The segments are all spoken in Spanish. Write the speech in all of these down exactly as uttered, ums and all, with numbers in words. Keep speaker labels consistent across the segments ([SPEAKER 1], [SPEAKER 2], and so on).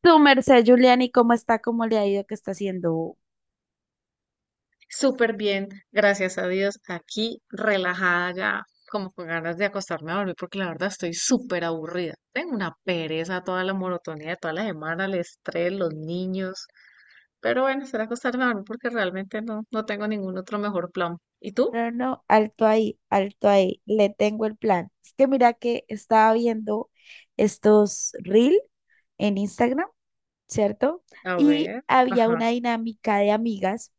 [SPEAKER 1] Tu merced, Juliani, ¿cómo está? ¿Cómo le ha ido? ¿Qué está haciendo?
[SPEAKER 2] Súper bien, gracias a Dios. Aquí relajada ya, como con ganas de acostarme a dormir, porque la verdad estoy súper aburrida. Tengo una pereza, toda la monotonía de toda la semana, el estrés, los niños. Pero bueno, será acostarme a dormir porque realmente no, no tengo ningún otro mejor plan. ¿Y tú?
[SPEAKER 1] No, no, alto ahí, alto ahí, le tengo el plan. Es que mira que estaba viendo estos reel en Instagram, ¿cierto?
[SPEAKER 2] A
[SPEAKER 1] Y
[SPEAKER 2] ver,
[SPEAKER 1] había una
[SPEAKER 2] ajá,
[SPEAKER 1] dinámica de amigas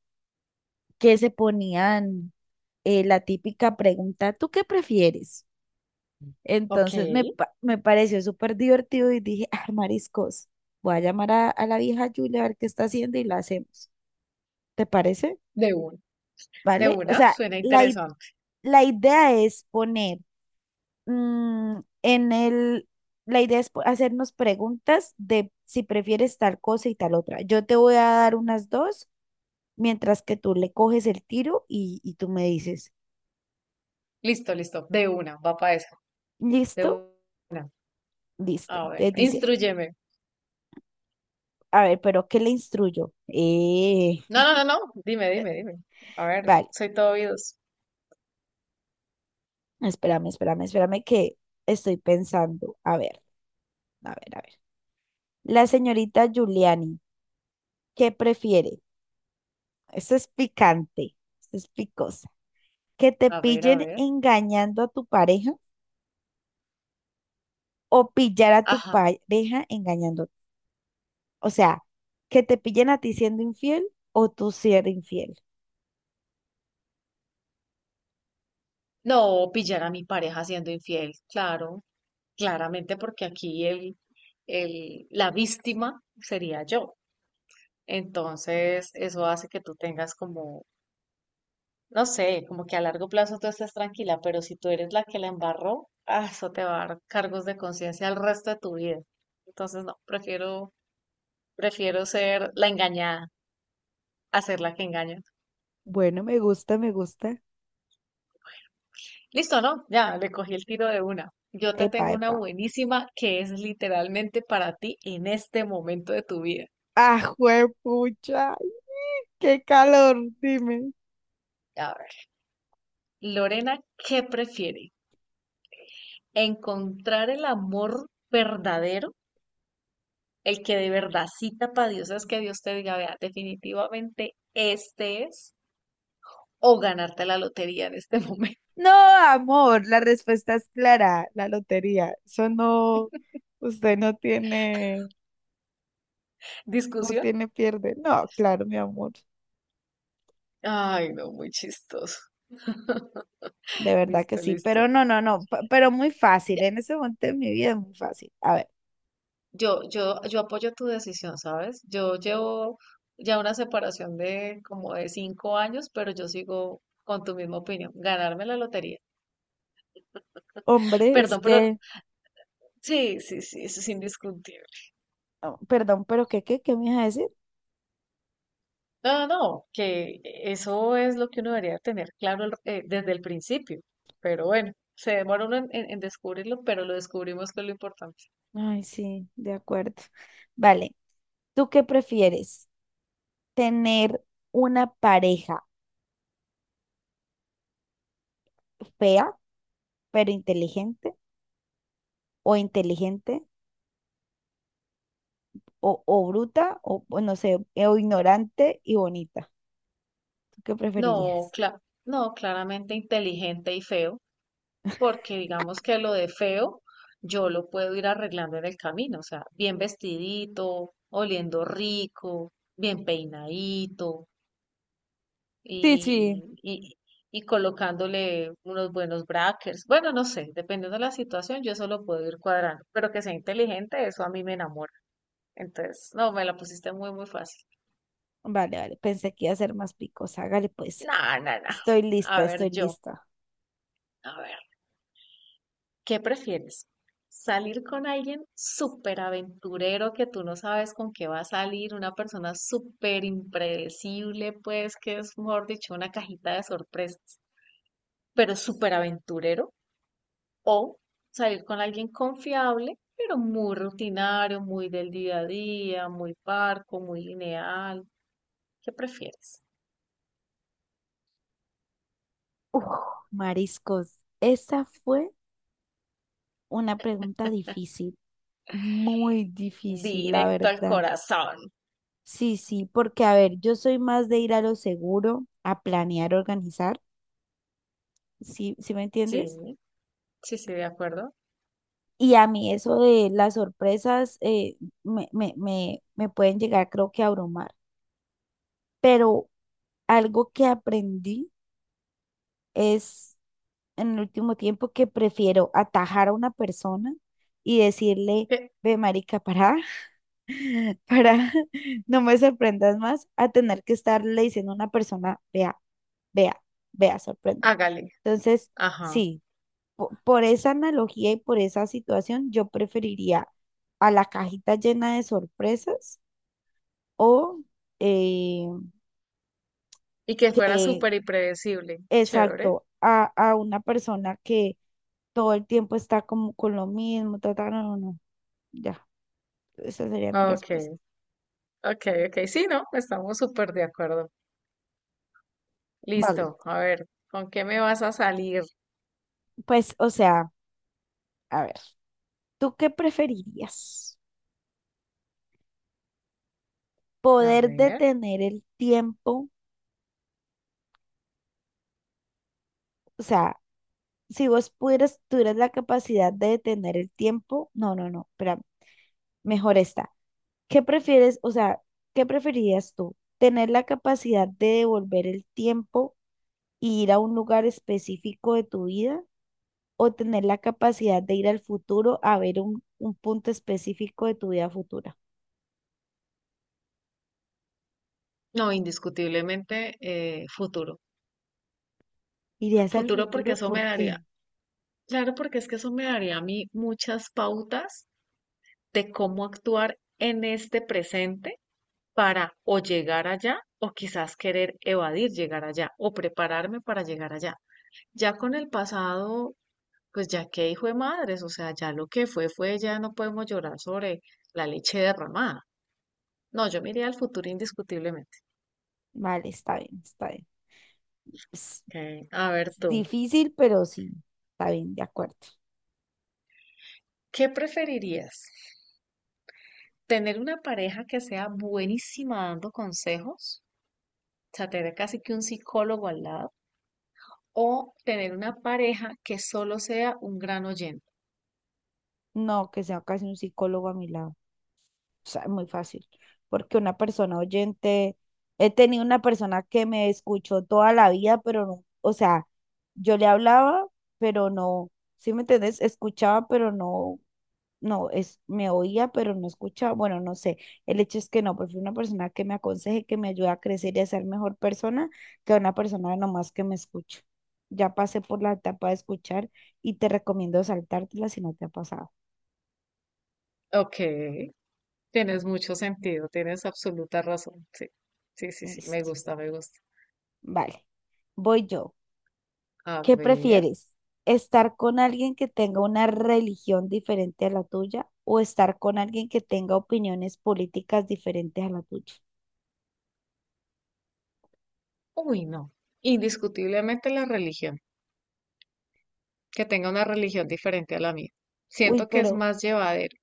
[SPEAKER 1] que se ponían eh, la típica pregunta, ¿tú qué prefieres?
[SPEAKER 2] ok,
[SPEAKER 1] Entonces me, pa- me pareció súper divertido y dije, ah, mariscos, voy a llamar a, a la vieja Julia a ver qué está haciendo y la hacemos. ¿Te parece?
[SPEAKER 2] de una, de
[SPEAKER 1] ¿Vale? O
[SPEAKER 2] una,
[SPEAKER 1] sea,
[SPEAKER 2] suena
[SPEAKER 1] la, i-
[SPEAKER 2] interesante.
[SPEAKER 1] la idea es poner mm, en el, la idea es po- hacernos preguntas de si prefieres tal cosa y tal otra. Yo te voy a dar unas dos, mientras que tú le coges el tiro y, y tú me dices,
[SPEAKER 2] Listo, listo, de una, va para esa,
[SPEAKER 1] ¿listo?
[SPEAKER 2] de una.
[SPEAKER 1] Listo.
[SPEAKER 2] A ver,
[SPEAKER 1] Entonces dice,
[SPEAKER 2] instrúyeme.
[SPEAKER 1] a ver, pero ¿qué le instruyo? Eh,
[SPEAKER 2] No, no, no, no, dime, dime, dime. A ver,
[SPEAKER 1] vale,
[SPEAKER 2] soy todo oídos.
[SPEAKER 1] espérame, espérame, espérame que estoy pensando. A ver, a ver, a ver. La señorita Giuliani, ¿qué prefiere? Eso es picante, eso es picosa. Que te
[SPEAKER 2] A ver, a
[SPEAKER 1] pillen
[SPEAKER 2] ver.
[SPEAKER 1] engañando a tu pareja o pillar a tu
[SPEAKER 2] Ajá.
[SPEAKER 1] pareja engañando. O sea, que te pillen a ti siendo infiel o tú ser infiel.
[SPEAKER 2] No, pillar a mi pareja siendo infiel, claro, claramente porque aquí el, el, la víctima sería yo. Entonces, eso hace que tú tengas como, no sé, como que a largo plazo tú estés tranquila, pero si tú eres la que la embarró, ah, eso te va a dar cargos de conciencia el resto de tu vida. Entonces, no, prefiero, prefiero ser la engañada, a ser la que engaña.
[SPEAKER 1] Bueno, me gusta, me gusta.
[SPEAKER 2] Listo, ¿no? Ya, le cogí el tiro de una. Yo te
[SPEAKER 1] Epa,
[SPEAKER 2] tengo una
[SPEAKER 1] epa.
[SPEAKER 2] buenísima que es literalmente para ti en este momento de tu vida.
[SPEAKER 1] Ah, juepucha, qué calor, dime.
[SPEAKER 2] A ver, Lorena, ¿qué prefiere? ¿Encontrar el amor verdadero, el que de verdad cita para Dios es que Dios te diga, vea, definitivamente este es, o ganarte la lotería en este momento?
[SPEAKER 1] No, amor, la respuesta es clara, la lotería. Eso no, usted no tiene, no
[SPEAKER 2] ¿Discusión?
[SPEAKER 1] tiene pierde. No, claro, mi amor,
[SPEAKER 2] Ay, no, muy chistoso.
[SPEAKER 1] de verdad que
[SPEAKER 2] Listo,
[SPEAKER 1] sí, pero
[SPEAKER 2] listo.
[SPEAKER 1] no, no, no, p- pero muy fácil, en ese momento de mi vida es muy fácil. A ver,
[SPEAKER 2] Yo, yo, yo apoyo tu decisión, ¿sabes? Yo llevo ya una separación de como de cinco años, pero yo sigo con tu misma opinión, ganarme la lotería.
[SPEAKER 1] hombre, es
[SPEAKER 2] Perdón, pero
[SPEAKER 1] que,
[SPEAKER 2] sí, sí, sí, eso es indiscutible.
[SPEAKER 1] oh, perdón, pero ¿qué, qué, qué me ibas a decir?
[SPEAKER 2] No, no, que eso es lo que uno debería tener claro el- eh, desde el principio, pero bueno, se demora uno en, en- en descubrirlo, pero lo descubrimos que es lo importante.
[SPEAKER 1] Ay, sí, de acuerdo. Vale, ¿tú qué prefieres? ¿Tener una pareja fea pero inteligente o inteligente o, o bruta, o o no sé, o ignorante y bonita? ¿Tú qué
[SPEAKER 2] No,
[SPEAKER 1] preferirías?
[SPEAKER 2] cla- no, claramente inteligente y feo. Porque digamos que lo de feo yo lo puedo ir arreglando en el camino, o sea, bien vestidito, oliendo rico, bien peinadito
[SPEAKER 1] Sí, sí.
[SPEAKER 2] y, y- y colocándole unos buenos brackers. Bueno, no sé, dependiendo de la situación, yo eso lo puedo ir cuadrando, pero que sea inteligente, eso a mí me enamora. Entonces, no, me la pusiste muy, muy fácil.
[SPEAKER 1] Vale, vale, pensé que iba a ser más picos. Hágale pues.
[SPEAKER 2] No, no, no.
[SPEAKER 1] Estoy lista,
[SPEAKER 2] A ver,
[SPEAKER 1] estoy
[SPEAKER 2] yo,
[SPEAKER 1] lista.
[SPEAKER 2] a ver. ¿Qué prefieres? ¿Salir con alguien súper aventurero que tú no sabes con qué va a salir? Una persona súper impredecible, pues que es, mejor dicho, una cajita de sorpresas, pero súper aventurero. O salir con alguien confiable, pero muy rutinario, muy del día a día, muy parco, muy lineal. ¿Qué prefieres?
[SPEAKER 1] Uf, mariscos. Esa fue una pregunta difícil, muy difícil, la
[SPEAKER 2] Directo al
[SPEAKER 1] verdad.
[SPEAKER 2] corazón.
[SPEAKER 1] Sí, sí, porque a ver, yo soy más de ir a lo seguro, a planear, organizar, ¿sí, sí me
[SPEAKER 2] Sí,
[SPEAKER 1] entiendes?
[SPEAKER 2] sí, sí, de acuerdo.
[SPEAKER 1] Y a mí eso de las sorpresas eh, me, me, me, me pueden llegar, creo que a abrumar. Pero algo que aprendí es en el último tiempo que prefiero atajar a una persona y decirle,
[SPEAKER 2] Eh,
[SPEAKER 1] ve marica, para, para, no me sorprendas más, a tener que estarle diciendo a una persona, vea, vea, vea, sorprenda.
[SPEAKER 2] hágale.
[SPEAKER 1] Entonces,
[SPEAKER 2] Ajá.
[SPEAKER 1] sí, po- por, esa analogía y por esa situación, yo preferiría a la cajita llena de sorpresas o eh,
[SPEAKER 2] Y que fuera súper impredecible. Chévere.
[SPEAKER 1] exacto, a, a una persona que todo el tiempo está como con lo mismo, ta, ta, no, no, no, ya, esa sería mi
[SPEAKER 2] Ok,
[SPEAKER 1] respuesta.
[SPEAKER 2] ok, ok. Sí, no, estamos súper de acuerdo.
[SPEAKER 1] Vale,
[SPEAKER 2] Listo. A ver, ¿con qué me vas a salir?
[SPEAKER 1] pues, o sea, a ver, ¿tú qué preferirías?
[SPEAKER 2] A
[SPEAKER 1] ¿Poder
[SPEAKER 2] ver.
[SPEAKER 1] detener el tiempo? O sea, si vos pudieras, tuvieras la capacidad de detener el tiempo, no, no, no, espera mejor está. ¿Qué prefieres? O sea, ¿qué preferirías tú? ¿Tener la capacidad de devolver el tiempo y ir a un lugar específico de tu vida o tener la capacidad de ir al futuro a ver un, un punto específico de tu vida futura?
[SPEAKER 2] No, indiscutiblemente eh, futuro.
[SPEAKER 1] ¿Irías al
[SPEAKER 2] Futuro porque
[SPEAKER 1] futuro?
[SPEAKER 2] eso me
[SPEAKER 1] ¿Por qué?
[SPEAKER 2] daría, claro, porque es que eso me daría a mí muchas pautas de cómo actuar en este presente para o llegar allá o quizás querer evadir llegar allá o prepararme para llegar allá. Ya con el pasado, pues ya que hijo de madres, o sea, ya lo que fue, fue, ya no podemos llorar sobre la leche derramada. No, yo me iría al futuro indiscutiblemente.
[SPEAKER 1] Vale, está bien, está bien. Es
[SPEAKER 2] Ok, a ver
[SPEAKER 1] es
[SPEAKER 2] tú,
[SPEAKER 1] difícil, pero sí, está bien, de acuerdo.
[SPEAKER 2] ¿qué preferirías? ¿Tener una pareja que sea buenísima dando consejos? O sea, tener casi que un psicólogo al lado. ¿O tener una pareja que solo sea un gran oyente?
[SPEAKER 1] No, que sea casi un psicólogo a mi lado. O sea, es muy fácil, porque una persona oyente, he tenido una persona que me escuchó toda la vida, pero no, o sea, yo le hablaba, pero no, ¿sí me entendés? Escuchaba, pero no. No, es, me oía, pero no escuchaba, bueno, no sé. El hecho es que no, prefiero una persona que me aconseje, que me ayude a crecer y a ser mejor persona, que una persona nomás que me escuche. Ya pasé por la etapa de escuchar y te recomiendo saltártela si no te ha pasado.
[SPEAKER 2] Ok, tienes mucho sentido, tienes absoluta razón. Sí, sí, sí, sí, me
[SPEAKER 1] Listo.
[SPEAKER 2] gusta, me gusta.
[SPEAKER 1] Vale, voy yo.
[SPEAKER 2] A
[SPEAKER 1] ¿Qué
[SPEAKER 2] ver.
[SPEAKER 1] prefieres? ¿Estar con alguien que tenga una religión diferente a la tuya o estar con alguien que tenga opiniones políticas diferentes a la tuya?
[SPEAKER 2] Uy, no. Indiscutiblemente la religión, que tenga una religión diferente a la mía.
[SPEAKER 1] Uy,
[SPEAKER 2] Siento que es
[SPEAKER 1] pero...
[SPEAKER 2] más llevadero.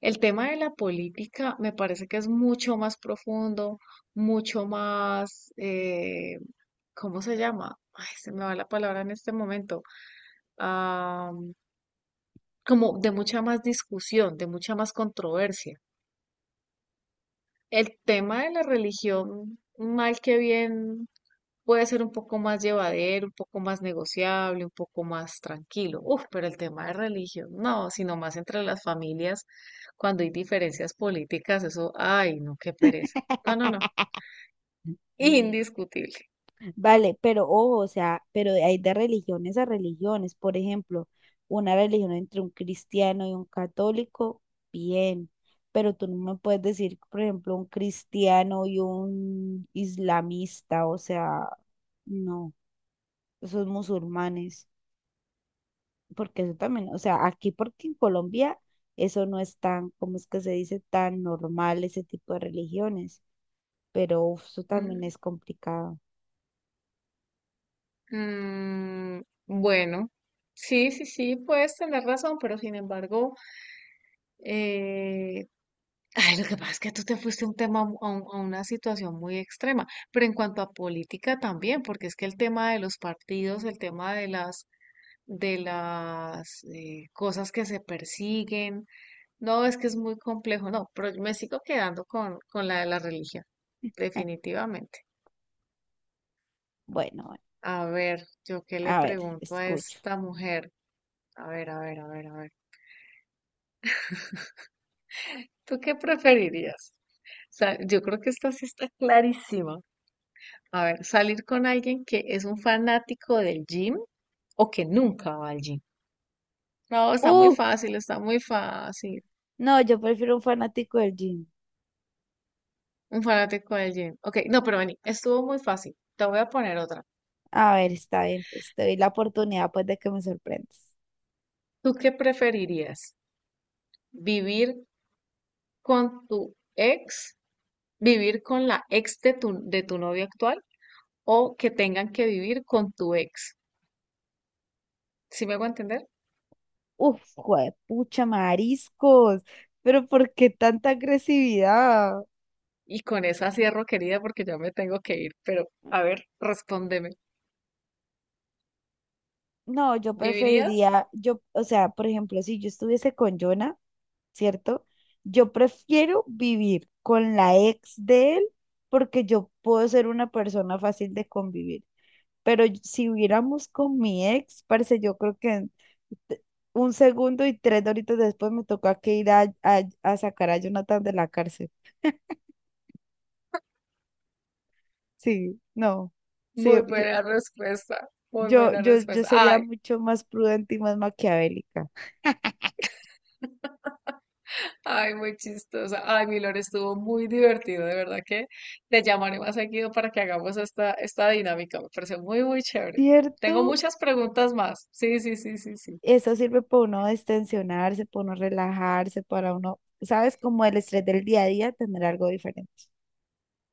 [SPEAKER 2] El tema de la política me parece que es mucho más profundo, mucho más, eh, ¿cómo se llama? Ay, se me va la palabra en este momento. Ah, como de mucha más discusión, de mucha más controversia. El tema de la religión, mal que bien, puede ser un poco más llevadero, un poco más negociable, un poco más tranquilo. Uf, pero el tema de religión, no, sino más entre las familias, cuando hay diferencias políticas, eso, ay, no, qué pereza. No, no, no, indiscutible.
[SPEAKER 1] Vale, pero ojo, o sea, pero hay de religiones a religiones. Por ejemplo, una religión entre un cristiano y un católico, bien, pero tú no me puedes decir, por ejemplo, un cristiano y un islamista, o sea, no, esos musulmanes, porque eso también, o sea, aquí porque en Colombia eso no es tan, ¿cómo es que se dice? Tan normal ese tipo de religiones, pero uf, eso también
[SPEAKER 2] Mm,
[SPEAKER 1] es complicado.
[SPEAKER 2] mm, bueno, sí, sí, sí, puedes tener razón, pero sin embargo, eh, ay, lo que pasa es que tú te fuiste a un tema, mu- a un- a una situación muy extrema, pero en cuanto a política también, porque es que el tema de los partidos, el tema de las de las eh, cosas que se persiguen. No, es que es muy complejo, no, pero yo me sigo quedando con, con la de la religión, definitivamente.
[SPEAKER 1] Bueno, bueno,
[SPEAKER 2] A ver, yo qué le
[SPEAKER 1] a ver,
[SPEAKER 2] pregunto a
[SPEAKER 1] escucho.
[SPEAKER 2] esta mujer. A ver, a ver, a ver, a ver. ¿Tú qué preferirías? Sa- yo creo que esta sí está clarísima. A ver, salir con alguien que es un fanático del gym o que nunca va al gym. No, está muy
[SPEAKER 1] ¡Uh!
[SPEAKER 2] fácil, está muy fácil.
[SPEAKER 1] No, yo prefiero un fanático del gym.
[SPEAKER 2] Un fanático del gym. Ok, no, pero vení, estuvo muy fácil. Te voy a poner otra.
[SPEAKER 1] A ver, está bien, pues te doy la oportunidad pues de que me sorprendas.
[SPEAKER 2] ¿Tú qué preferirías? ¿Vivir con tu ex? ¿Vivir con la ex de tu, de tu novio actual? ¿O que tengan que vivir con tu ex? ¿Sí me hago entender?
[SPEAKER 1] Uf, pucha, mariscos, pero ¿por qué tanta agresividad?
[SPEAKER 2] Y con esa cierro, querida, porque ya me tengo que ir. Pero, a ver, respóndeme.
[SPEAKER 1] No, yo
[SPEAKER 2] ¿Vivirías?
[SPEAKER 1] preferiría, yo, o sea, por ejemplo, si yo estuviese con Jonah, ¿cierto? Yo prefiero vivir con la ex de él porque yo puedo ser una persona fácil de convivir. Pero y- si hubiéramos con mi ex, parce, yo creo que en te- un segundo y tres horitos después me tocó que ir a, a- a sacar a Jonathan de la cárcel. Sí, no. Sí,
[SPEAKER 2] Muy
[SPEAKER 1] yo,
[SPEAKER 2] buena respuesta. Muy
[SPEAKER 1] yo,
[SPEAKER 2] buena
[SPEAKER 1] yo, yo
[SPEAKER 2] respuesta.
[SPEAKER 1] sería
[SPEAKER 2] Ay,
[SPEAKER 1] mucho más prudente y más maquiavélica.
[SPEAKER 2] ay, muy chistosa. Ay, Milor, estuvo muy divertido, de verdad que te llamaré más seguido para que hagamos esta, esta dinámica. Me pareció muy, muy chévere. Tengo
[SPEAKER 1] ¿Cierto?
[SPEAKER 2] muchas preguntas más. Sí, sí, sí, sí, sí.
[SPEAKER 1] Eso sirve para uno destensionarse, para uno relajarse, para uno, ¿sabes? Como el estrés del día a día, tener algo diferente.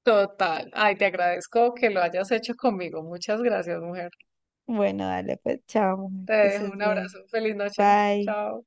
[SPEAKER 2] Total. Ay, te agradezco que lo hayas hecho conmigo. Muchas gracias, mujer.
[SPEAKER 1] Bueno, dale, pues, chao, mujer,
[SPEAKER 2] Te
[SPEAKER 1] que
[SPEAKER 2] dejo
[SPEAKER 1] estés
[SPEAKER 2] un abrazo.
[SPEAKER 1] bien.
[SPEAKER 2] Feliz noche.
[SPEAKER 1] Bye.
[SPEAKER 2] Chao.